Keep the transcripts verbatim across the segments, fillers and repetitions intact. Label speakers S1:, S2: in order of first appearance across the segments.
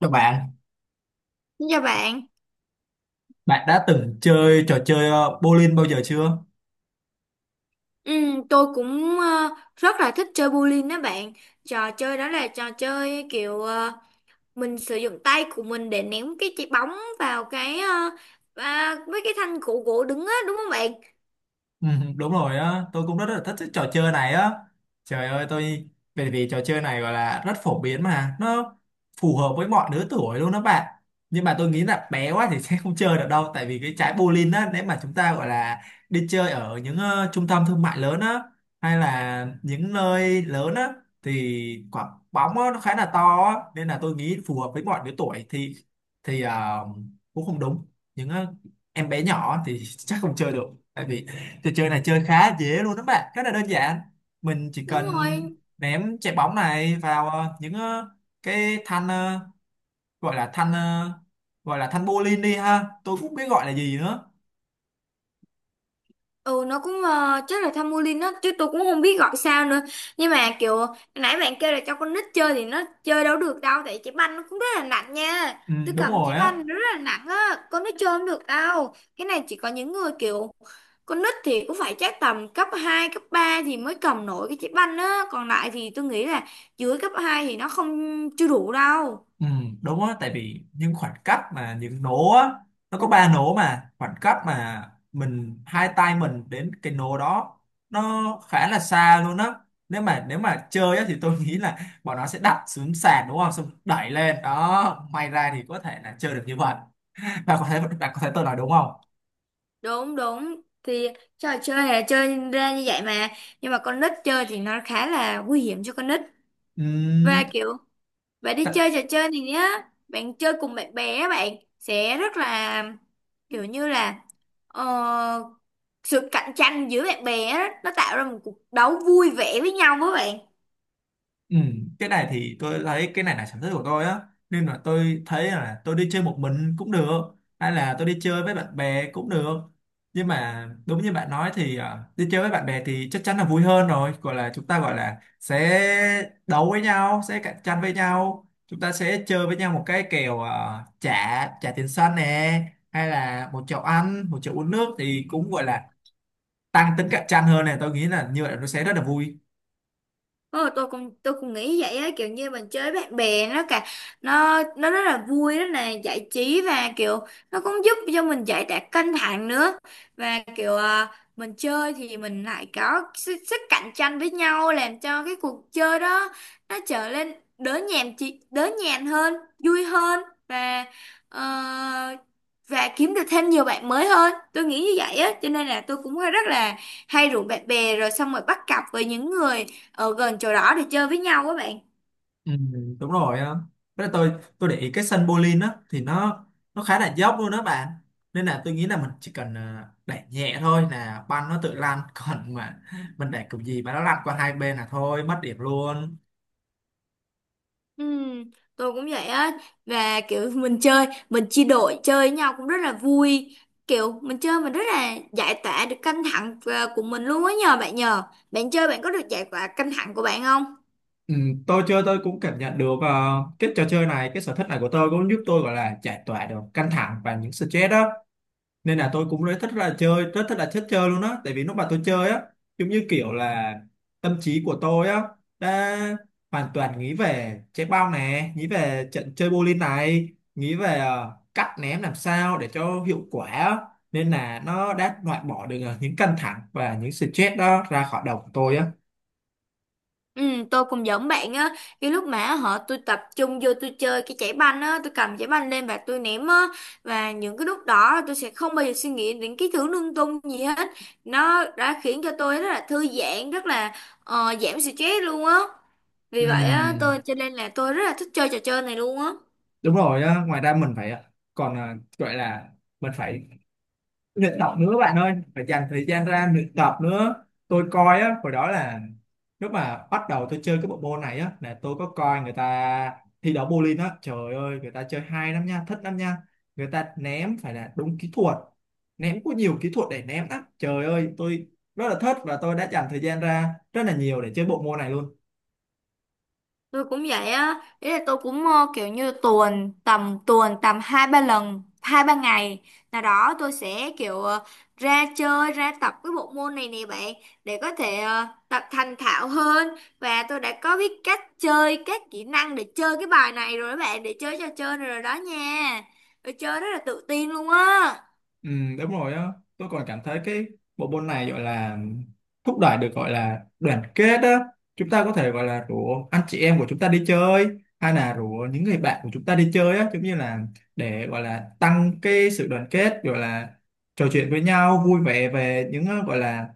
S1: Chào bạn,
S2: Dạ bạn.
S1: bạn đã từng chơi trò chơi ờ, bowling bao giờ chưa?
S2: Ừm, tôi cũng ờ, rất là thích chơi bowling đó bạn. Trò chơi đó là trò chơi kiểu ờ, mình sử dụng tay của mình để ném cái trái bóng vào cái ờ, à, mấy cái thanh gỗ gỗ đứng á, đúng không bạn?
S1: Ừ, đúng rồi á, tôi cũng rất là thích cái trò chơi này á. Trời ơi, tôi bởi vì trò chơi này gọi là rất phổ biến mà, nó phù hợp với mọi lứa tuổi luôn đó bạn. Nhưng mà tôi nghĩ là bé quá thì sẽ không chơi được đâu, tại vì cái trái bowling á, nếu mà chúng ta gọi là đi chơi ở những ờ, trung tâm thương mại lớn á, hay là những nơi lớn á, thì quả bóng á, nó khá là to á, nên là tôi nghĩ phù hợp với mọi lứa tuổi thì thì ờ, cũng không đúng. Những ờ, em bé nhỏ thì chắc không chơi được, tại vì trò chơi này chơi khá dễ luôn đó bạn, rất là đơn giản. Mình chỉ
S2: Đúng
S1: cần
S2: rồi,
S1: ném trái bóng này vào ờ, những ờ, cái thanh ờ, gọi là thanh ờ, gọi là thanh bowling đi ha. Tôi cũng không biết gọi là gì nữa.
S2: ừ nó cũng ờ, chắc là tham mưu linh á, chứ tôi cũng không biết gọi sao nữa. Nhưng mà kiểu nãy bạn kêu là cho con nít chơi thì nó chơi đâu được đâu, tại trái banh nó cũng rất là nặng nha.
S1: Ừ,
S2: Tôi
S1: đúng
S2: cầm trái
S1: rồi á.
S2: banh nó rất là nặng á, con nít chơi không được đâu. Cái này chỉ có những người kiểu con nít thì cũng phải chắc tầm cấp hai cấp ba thì mới cầm nổi cái trái banh á, còn lại thì tôi nghĩ là dưới cấp hai thì nó không chưa đủ đâu.
S1: Ừ, đúng á, tại vì những khoảng cách mà những nố á, nó có ba nố mà khoảng cách mà mình hai tay mình đến cái nố đó nó khá là xa luôn á, nếu mà nếu mà chơi á thì tôi nghĩ là bọn nó sẽ đặt xuống sàn, đúng không, xong đẩy lên đó may ra thì có thể là chơi được như vậy. bạn có thấy bạn có thấy tôi nói đúng không?
S2: Đúng đúng, thì trò chơi là chơi ra như vậy mà, nhưng mà con nít chơi thì nó khá là nguy hiểm cho con nít. Và kiểu bạn
S1: Ừ,
S2: đi chơi trò chơi này nhá, bạn chơi cùng bạn bè á bạn sẽ rất là kiểu như là ờ, sự cạnh tranh giữa bạn bè á, nó tạo ra một cuộc đấu vui vẻ với nhau với bạn.
S1: ừ, cái này thì tôi thấy cái này là sở thích của tôi á, nên là tôi thấy là tôi đi chơi một mình cũng được, hay là tôi đi chơi với bạn bè cũng được. Nhưng mà đúng như bạn nói thì à, đi chơi với bạn bè thì chắc chắn là vui hơn rồi, gọi là chúng ta gọi là sẽ đấu với nhau, sẽ cạnh tranh với nhau, chúng ta sẽ chơi với nhau một cái kèo, à, trả trả tiền sân nè, hay là một chậu ăn một chậu uống nước thì cũng gọi là tăng tính cạnh tranh hơn này, tôi nghĩ là như vậy nó sẽ rất là vui.
S2: Ờ, tôi cũng tôi cũng nghĩ vậy á, kiểu như mình chơi với bạn bè nó cả nó nó rất là vui, rất là giải trí, và kiểu nó cũng giúp cho mình giải tỏa căng thẳng nữa. Và kiểu à, mình chơi thì mình lại có sức, sức cạnh tranh với nhau, làm cho cái cuộc chơi đó nó trở nên đỡ nhàm chị đỡ nhàm hơn, vui hơn, và ờ, và kiếm được thêm nhiều bạn mới hơn. Tôi nghĩ như vậy á, cho nên là tôi cũng rất là hay rủ bạn bè rồi xong rồi bắt cặp với những người ở gần chỗ đó để chơi với nhau các bạn.
S1: Ừ, đúng rồi á. Với lại tôi tôi để ý cái sân bowling á thì nó nó khá là dốc luôn đó bạn. Nên là tôi nghĩ là mình chỉ cần ờ, đẩy nhẹ thôi là banh nó tự lăn. Còn mà mình đẩy kiểu gì mà nó lăn qua hai bên là thôi mất điểm luôn.
S2: Ừ, tôi cũng vậy á, và kiểu mình chơi mình chia đội chơi với nhau cũng rất là vui. Kiểu mình chơi mình rất là giải tỏa được căng thẳng ờ, của mình luôn á. Nhờ bạn, nhờ bạn chơi, bạn có được giải tỏa căng thẳng của bạn không?
S1: Ừ, tôi chơi tôi cũng cảm nhận được ờ, cái trò chơi này, cái sở thích này của tôi cũng giúp tôi gọi là giải tỏa được căng thẳng và những stress đó. Nên là tôi cũng rất thích là chơi, rất thích là thích chơi luôn á, tại vì lúc mà tôi chơi á, giống như kiểu là tâm trí của tôi á đã hoàn toàn nghĩ về trái bóng này, nghĩ về trận chơi bowling này, nghĩ về ờ, cách ném làm sao để cho hiệu quả á, nên là nó đã loại bỏ được ờ, những căng thẳng và những stress đó ra khỏi đầu của tôi á.
S2: Ừ, tôi cũng giống bạn á. Cái lúc mà họ tôi tập trung vô tôi chơi cái chảy banh á, tôi cầm chảy banh lên và tôi ném á, và những cái lúc đó tôi sẽ không bao giờ suy nghĩ đến cái thứ lung tung gì hết. Nó đã khiến cho tôi rất là thư giãn, rất là ờ, giảm stress luôn á. Vì vậy á
S1: Ừm,
S2: tôi cho nên là tôi rất là thích chơi trò chơi này luôn á.
S1: đúng rồi á, ngoài ra mình phải ờ, còn ờ, gọi là mình phải luyện tập nữa bạn ơi, phải dành thời gian ra luyện tập nữa. Tôi coi á, hồi đó là lúc mà bắt đầu tôi chơi cái bộ môn này á, là tôi có coi người ta thi đấu bowling á, trời ơi người ta chơi hay lắm nha, thích lắm nha, người ta ném phải là đúng kỹ thuật, ném có nhiều kỹ thuật để ném lắm, trời ơi tôi rất là thích và tôi đã dành thời gian ra rất là nhiều để chơi bộ môn này luôn.
S2: Tôi cũng vậy á, ý là tôi cũng ờ, kiểu như tuần tầm tuần tầm hai ba lần, hai ba ngày nào đó tôi sẽ kiểu ờ, ra chơi ra tập cái bộ môn này nè bạn, để có thể ờ, tập thành thạo hơn. Và tôi đã có biết cách chơi, các kỹ năng để chơi cái bài này rồi đó bạn, để chơi trò chơi này rồi đó nha. Tôi chơi rất là tự tin luôn á.
S1: Ừ, đúng rồi á. Tôi còn cảm thấy cái bộ môn này gọi là thúc đẩy được gọi là đoàn kết á, chúng ta có thể gọi là rủ anh chị em của chúng ta đi chơi, hay là rủ những người bạn của chúng ta đi chơi á, giống như là để gọi là tăng cái sự đoàn kết, gọi là trò chuyện với nhau vui vẻ về những ờ, gọi là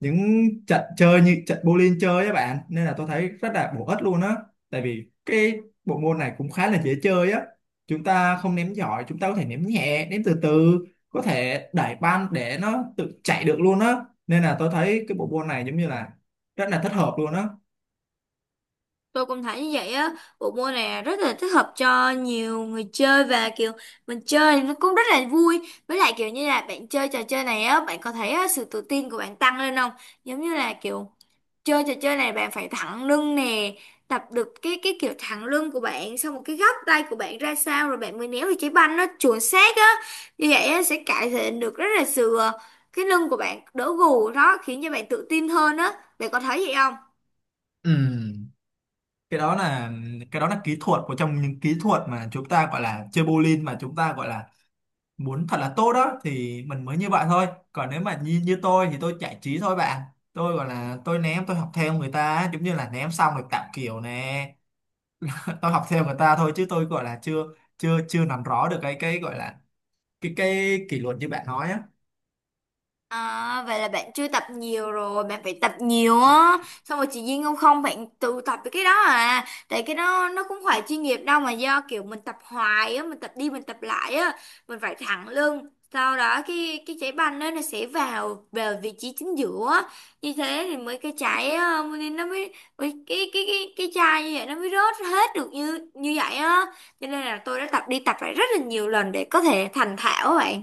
S1: những trận chơi như trận bowling chơi á bạn, nên là tôi thấy rất là bổ ích luôn á. Tại vì cái bộ môn này cũng khá là dễ chơi á, chúng ta không ném giỏi chúng ta có thể ném nhẹ, ném từ từ, có thể đẩy banh để nó tự chạy được luôn á, nên là tôi thấy cái bộ môn này giống như là rất là thích hợp luôn á.
S2: Tôi cũng thấy như vậy á, bộ môn này rất là thích hợp cho nhiều người chơi, và kiểu mình chơi nó cũng rất là vui. Với lại kiểu như là bạn chơi trò chơi này á, bạn có thấy á, sự tự tin của bạn tăng lên không? Giống như là kiểu chơi trò chơi này bạn phải thẳng lưng nè, tập được cái cái kiểu thẳng lưng của bạn, xong một cái góc tay của bạn ra sao rồi bạn mới néo được trái banh nó chuẩn xác á. Như vậy á sẽ cải thiện được rất là sự ờ, cái lưng của bạn đỡ gù đó, khiến cho bạn tự tin hơn á. Bạn có thấy vậy không?
S1: Ừm, cái đó là cái đó là kỹ thuật, một trong những kỹ thuật mà chúng ta gọi là chơi bowling mà chúng ta gọi là muốn thật là tốt đó thì mình mới như vậy thôi, còn nếu mà như như tôi thì tôi giải trí thôi bạn. Tôi gọi là tôi ném, tôi học theo người ta á, giống như là ném xong rồi tạo kiểu nè. Tôi học theo người ta thôi chứ tôi gọi là chưa chưa chưa nắm rõ được cái cái gọi là cái cái kỷ luật như bạn nói á.
S2: À, vậy là bạn chưa tập nhiều rồi, bạn phải tập nhiều á. Xong rồi chị Duyên không không bạn tự tập cái đó à. Tại cái đó nó cũng phải chuyên nghiệp đâu, mà do kiểu mình tập hoài á, mình tập đi mình tập lại á, mình phải thẳng lưng. Sau đó cái cái trái banh đó nó sẽ vào vào vị trí chính giữa á. Như thế thì mới cái trái ờ, nên nó mới mới- cái cái cái cái chai như vậy nó mới rớt hết được như như vậy á. Cho nên là tôi đã tập đi tập lại rất là nhiều lần để có thể thành thạo á bạn.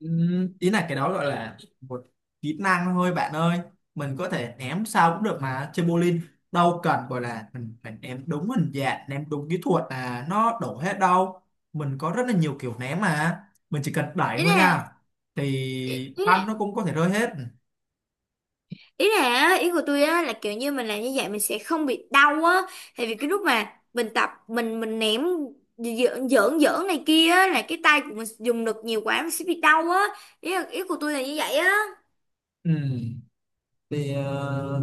S1: Ừm, ý là cái đó gọi là một kỹ năng thôi bạn ơi, mình có thể ném sao cũng được mà, chơi bowling đâu cần gọi là mình phải ném đúng hình dạng, ném đúng kỹ thuật là nó đổ hết đâu. Mình có rất là nhiều kiểu ném mà, mình chỉ cần đẩy
S2: Thế
S1: thôi nha, thì băng
S2: nè,
S1: nó cũng có thể rơi hết.
S2: ý là á, ý của tôi á là kiểu như mình làm như vậy mình sẽ không bị đau á. Tại vì cái lúc mà mình tập mình mình ném giỡn giỡn giỡn này kia á là cái tay của mình dùng lực nhiều quá mình sẽ bị đau á. Ý là, ý của tôi là như vậy á.
S1: Ừm, thì ờ,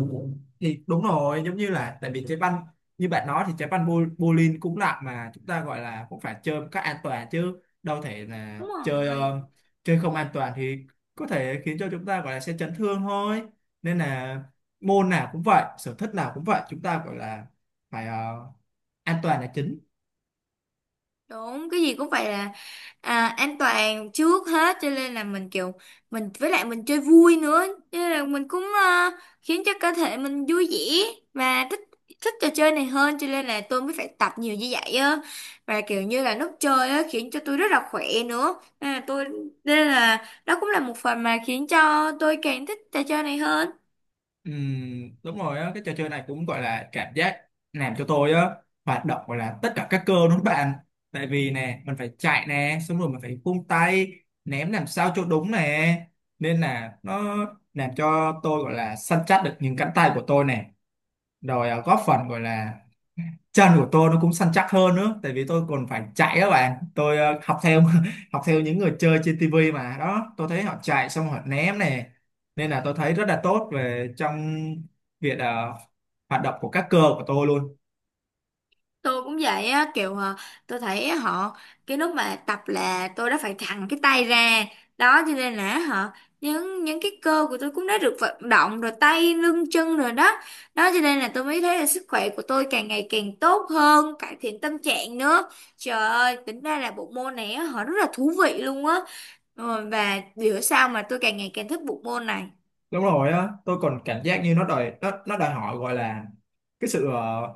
S1: thì đúng rồi, giống như là tại vì trái banh như bạn nói thì trái banh bo- bowling cũng nặng mà, chúng ta gọi là cũng phải chơi một cách an toàn chứ đâu thể là
S2: Đúng
S1: chơi
S2: rồi,
S1: ờ, chơi không an toàn thì có thể khiến cho chúng ta gọi là sẽ chấn thương thôi. Nên là môn nào cũng vậy, sở thích nào cũng vậy, chúng ta gọi là phải ờ, an toàn là chính.
S2: đúng, cái gì cũng phải là à, an toàn trước hết. Cho nên là mình kiểu mình với lại mình chơi vui nữa, cho nên là mình cũng ờ, khiến cho cơ thể mình vui vẻ và thích thích trò chơi này hơn. Cho nên là tôi mới phải tập nhiều như vậy á, và kiểu như là lúc chơi á khiến cho tôi rất là khỏe nữa. nên là tôi Nên là đó cũng là một phần mà khiến cho tôi càng thích trò chơi này hơn.
S1: Ừm, đúng rồi á, cái trò chơi này cũng gọi là cảm giác làm cho tôi á hoạt động gọi là tất cả các cơ, đúng không bạn? Tại vì nè mình phải chạy nè, xong rồi mình phải vung tay ném làm sao cho đúng nè, nên là nó làm cho tôi gọi là săn chắc được những cánh tay của tôi nè, rồi à, góp phần gọi là chân của tôi nó cũng săn chắc hơn nữa, tại vì tôi còn phải chạy đó bạn. Tôi ờ, học theo học theo những người chơi trên tivi mà đó, tôi thấy họ chạy xong họ ném này, nên là tôi thấy rất là tốt về trong việc ờ, hoạt động của các cơ của tôi luôn.
S2: Tôi cũng vậy á, kiểu ờ, tôi thấy họ cái lúc mà tập là tôi đã phải thẳng cái tay ra đó. Cho nên là họ những những cái cơ của tôi cũng đã được vận động rồi, tay lưng chân rồi đó. Đó cho nên là tôi mới thấy là sức khỏe của tôi càng ngày càng tốt hơn, cải thiện tâm trạng nữa. Trời ơi, tính ra là bộ môn này á, họ rất là thú vị luôn á. Ờ, và bữa sau mà tôi càng ngày càng thích bộ môn này.
S1: Đúng rồi á, tôi còn cảm giác như nó đòi nó nó đòi hỏi gọi là cái sự ờ,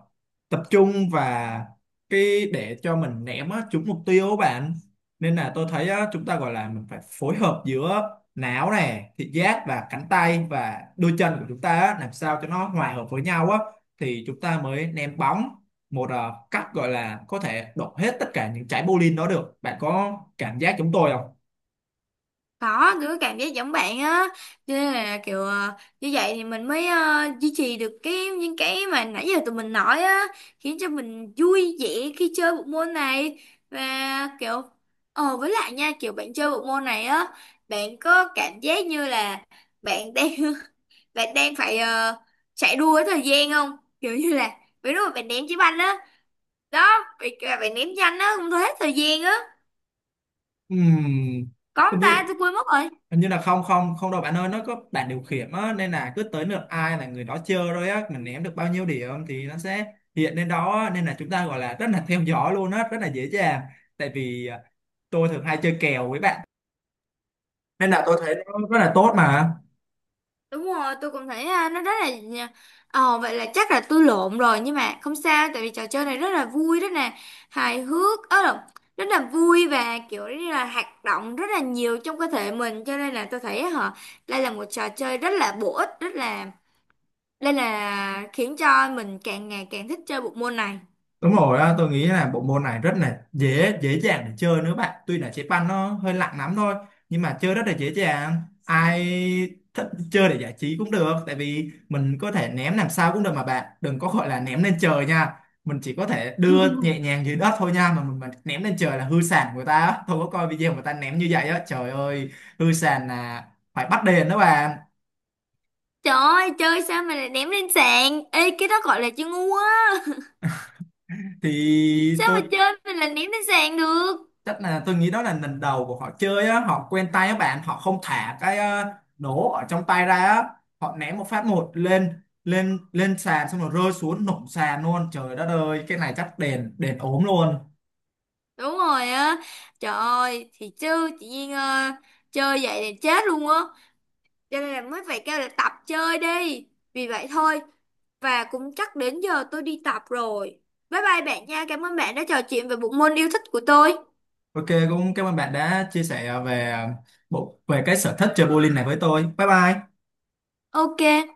S1: tập trung, và cái để cho mình ném á trúng mục tiêu á bạn. Nên là tôi thấy á, chúng ta gọi là mình phải phối hợp giữa não nè, thị giác và cánh tay và đôi chân của chúng ta á, làm sao cho nó hòa hợp với nhau á thì chúng ta mới ném bóng một ờ, cách gọi là có thể đổ hết tất cả những trái bowling đó được. Bạn có cảm giác chúng tôi không?
S2: Có, tôi có cảm giác giống bạn á. Cho nên là kiểu ờ, như vậy thì mình mới ờ, duy trì được cái những cái mà nãy giờ tụi mình nói á, khiến cho mình vui vẻ khi chơi bộ môn này. Và kiểu ờ, với lại nha, kiểu bạn chơi bộ môn này á, bạn có cảm giác như là bạn đang bạn đang phải ờ, chạy đua với thời gian không? Kiểu như là ví dụ bạn ném chiếc banh á. Đó, bạn, bạn ném nhanh á, không thấy hết thời gian á.
S1: Ừm,
S2: Có không
S1: Hình
S2: ta?
S1: như
S2: Tôi quên mất rồi.
S1: hình như là không không không đâu bạn ơi, nó có bảng điều khiển á, nên là cứ tới lượt ai là người đó chơi rồi á, mình ném được bao nhiêu điểm thì nó sẽ hiện lên đó á, nên là chúng ta gọi là rất là theo dõi luôn á, rất là dễ dàng. Tại vì à, tôi thường hay chơi kèo với bạn, nên là tôi thấy nó rất là tốt mà.
S2: Đúng rồi, tôi cũng thấy à, nó rất là à, ờ, vậy là chắc là tôi lộn rồi, nhưng mà không sao, tại vì trò chơi này rất là vui, rất là hài hước ớ lộn, rất là vui, và kiểu như là hoạt động rất là nhiều trong cơ thể mình. Cho nên là tôi thấy hả, đây là một trò chơi rất là bổ ích, rất là đây là khiến cho mình càng ngày càng thích chơi bộ môn này.
S1: Đúng rồi á, tôi nghĩ là bộ môn này rất là dễ dễ dàng để chơi nữa bạn. Tuy là chế banh nó hơi nặng lắm thôi, nhưng mà chơi rất là dễ dàng. Ai thích chơi để giải trí cũng được, tại vì mình có thể ném làm sao cũng được mà bạn. Đừng có gọi là ném lên trời nha. Mình chỉ có thể đưa nhẹ nhàng dưới đất thôi nha, mà mình mà ném lên trời là hư sàn người ta á. Tôi có coi video người ta ném như vậy á, trời ơi, hư sàn là phải bắt đền đó bạn.
S2: Trời ơi, chơi sao mà lại ném lên sàn? Ê, cái đó gọi là chơi ngu á.
S1: Thì
S2: Sao
S1: tôi
S2: mà chơi mình lại ném lên sàn được?
S1: chắc là tôi nghĩ đó là lần đầu của họ chơi á, họ quen tay các bạn, họ không thả cái ờ, nổ ở trong tay ra á, họ ném một phát một lên lên lên sàn xong rồi rơi xuống nổ sàn luôn, trời đất ơi, cái này chắc đền đền ốm luôn.
S2: Đúng rồi á, trời ơi, thì chứ chị Duyên ờ, chơi vậy thì chết luôn á, cho nên là mới phải kêu là tập chơi đi, vì vậy thôi, và cũng chắc đến giờ tôi đi tập rồi. Bye bye bạn nha, cảm ơn bạn đã trò chuyện về bộ môn yêu thích của tôi.
S1: OK, cũng cảm ơn bạn đã chia sẻ về ờ, bộ về cái sở thích chơi bowling này với tôi. Bye bye.
S2: Ok.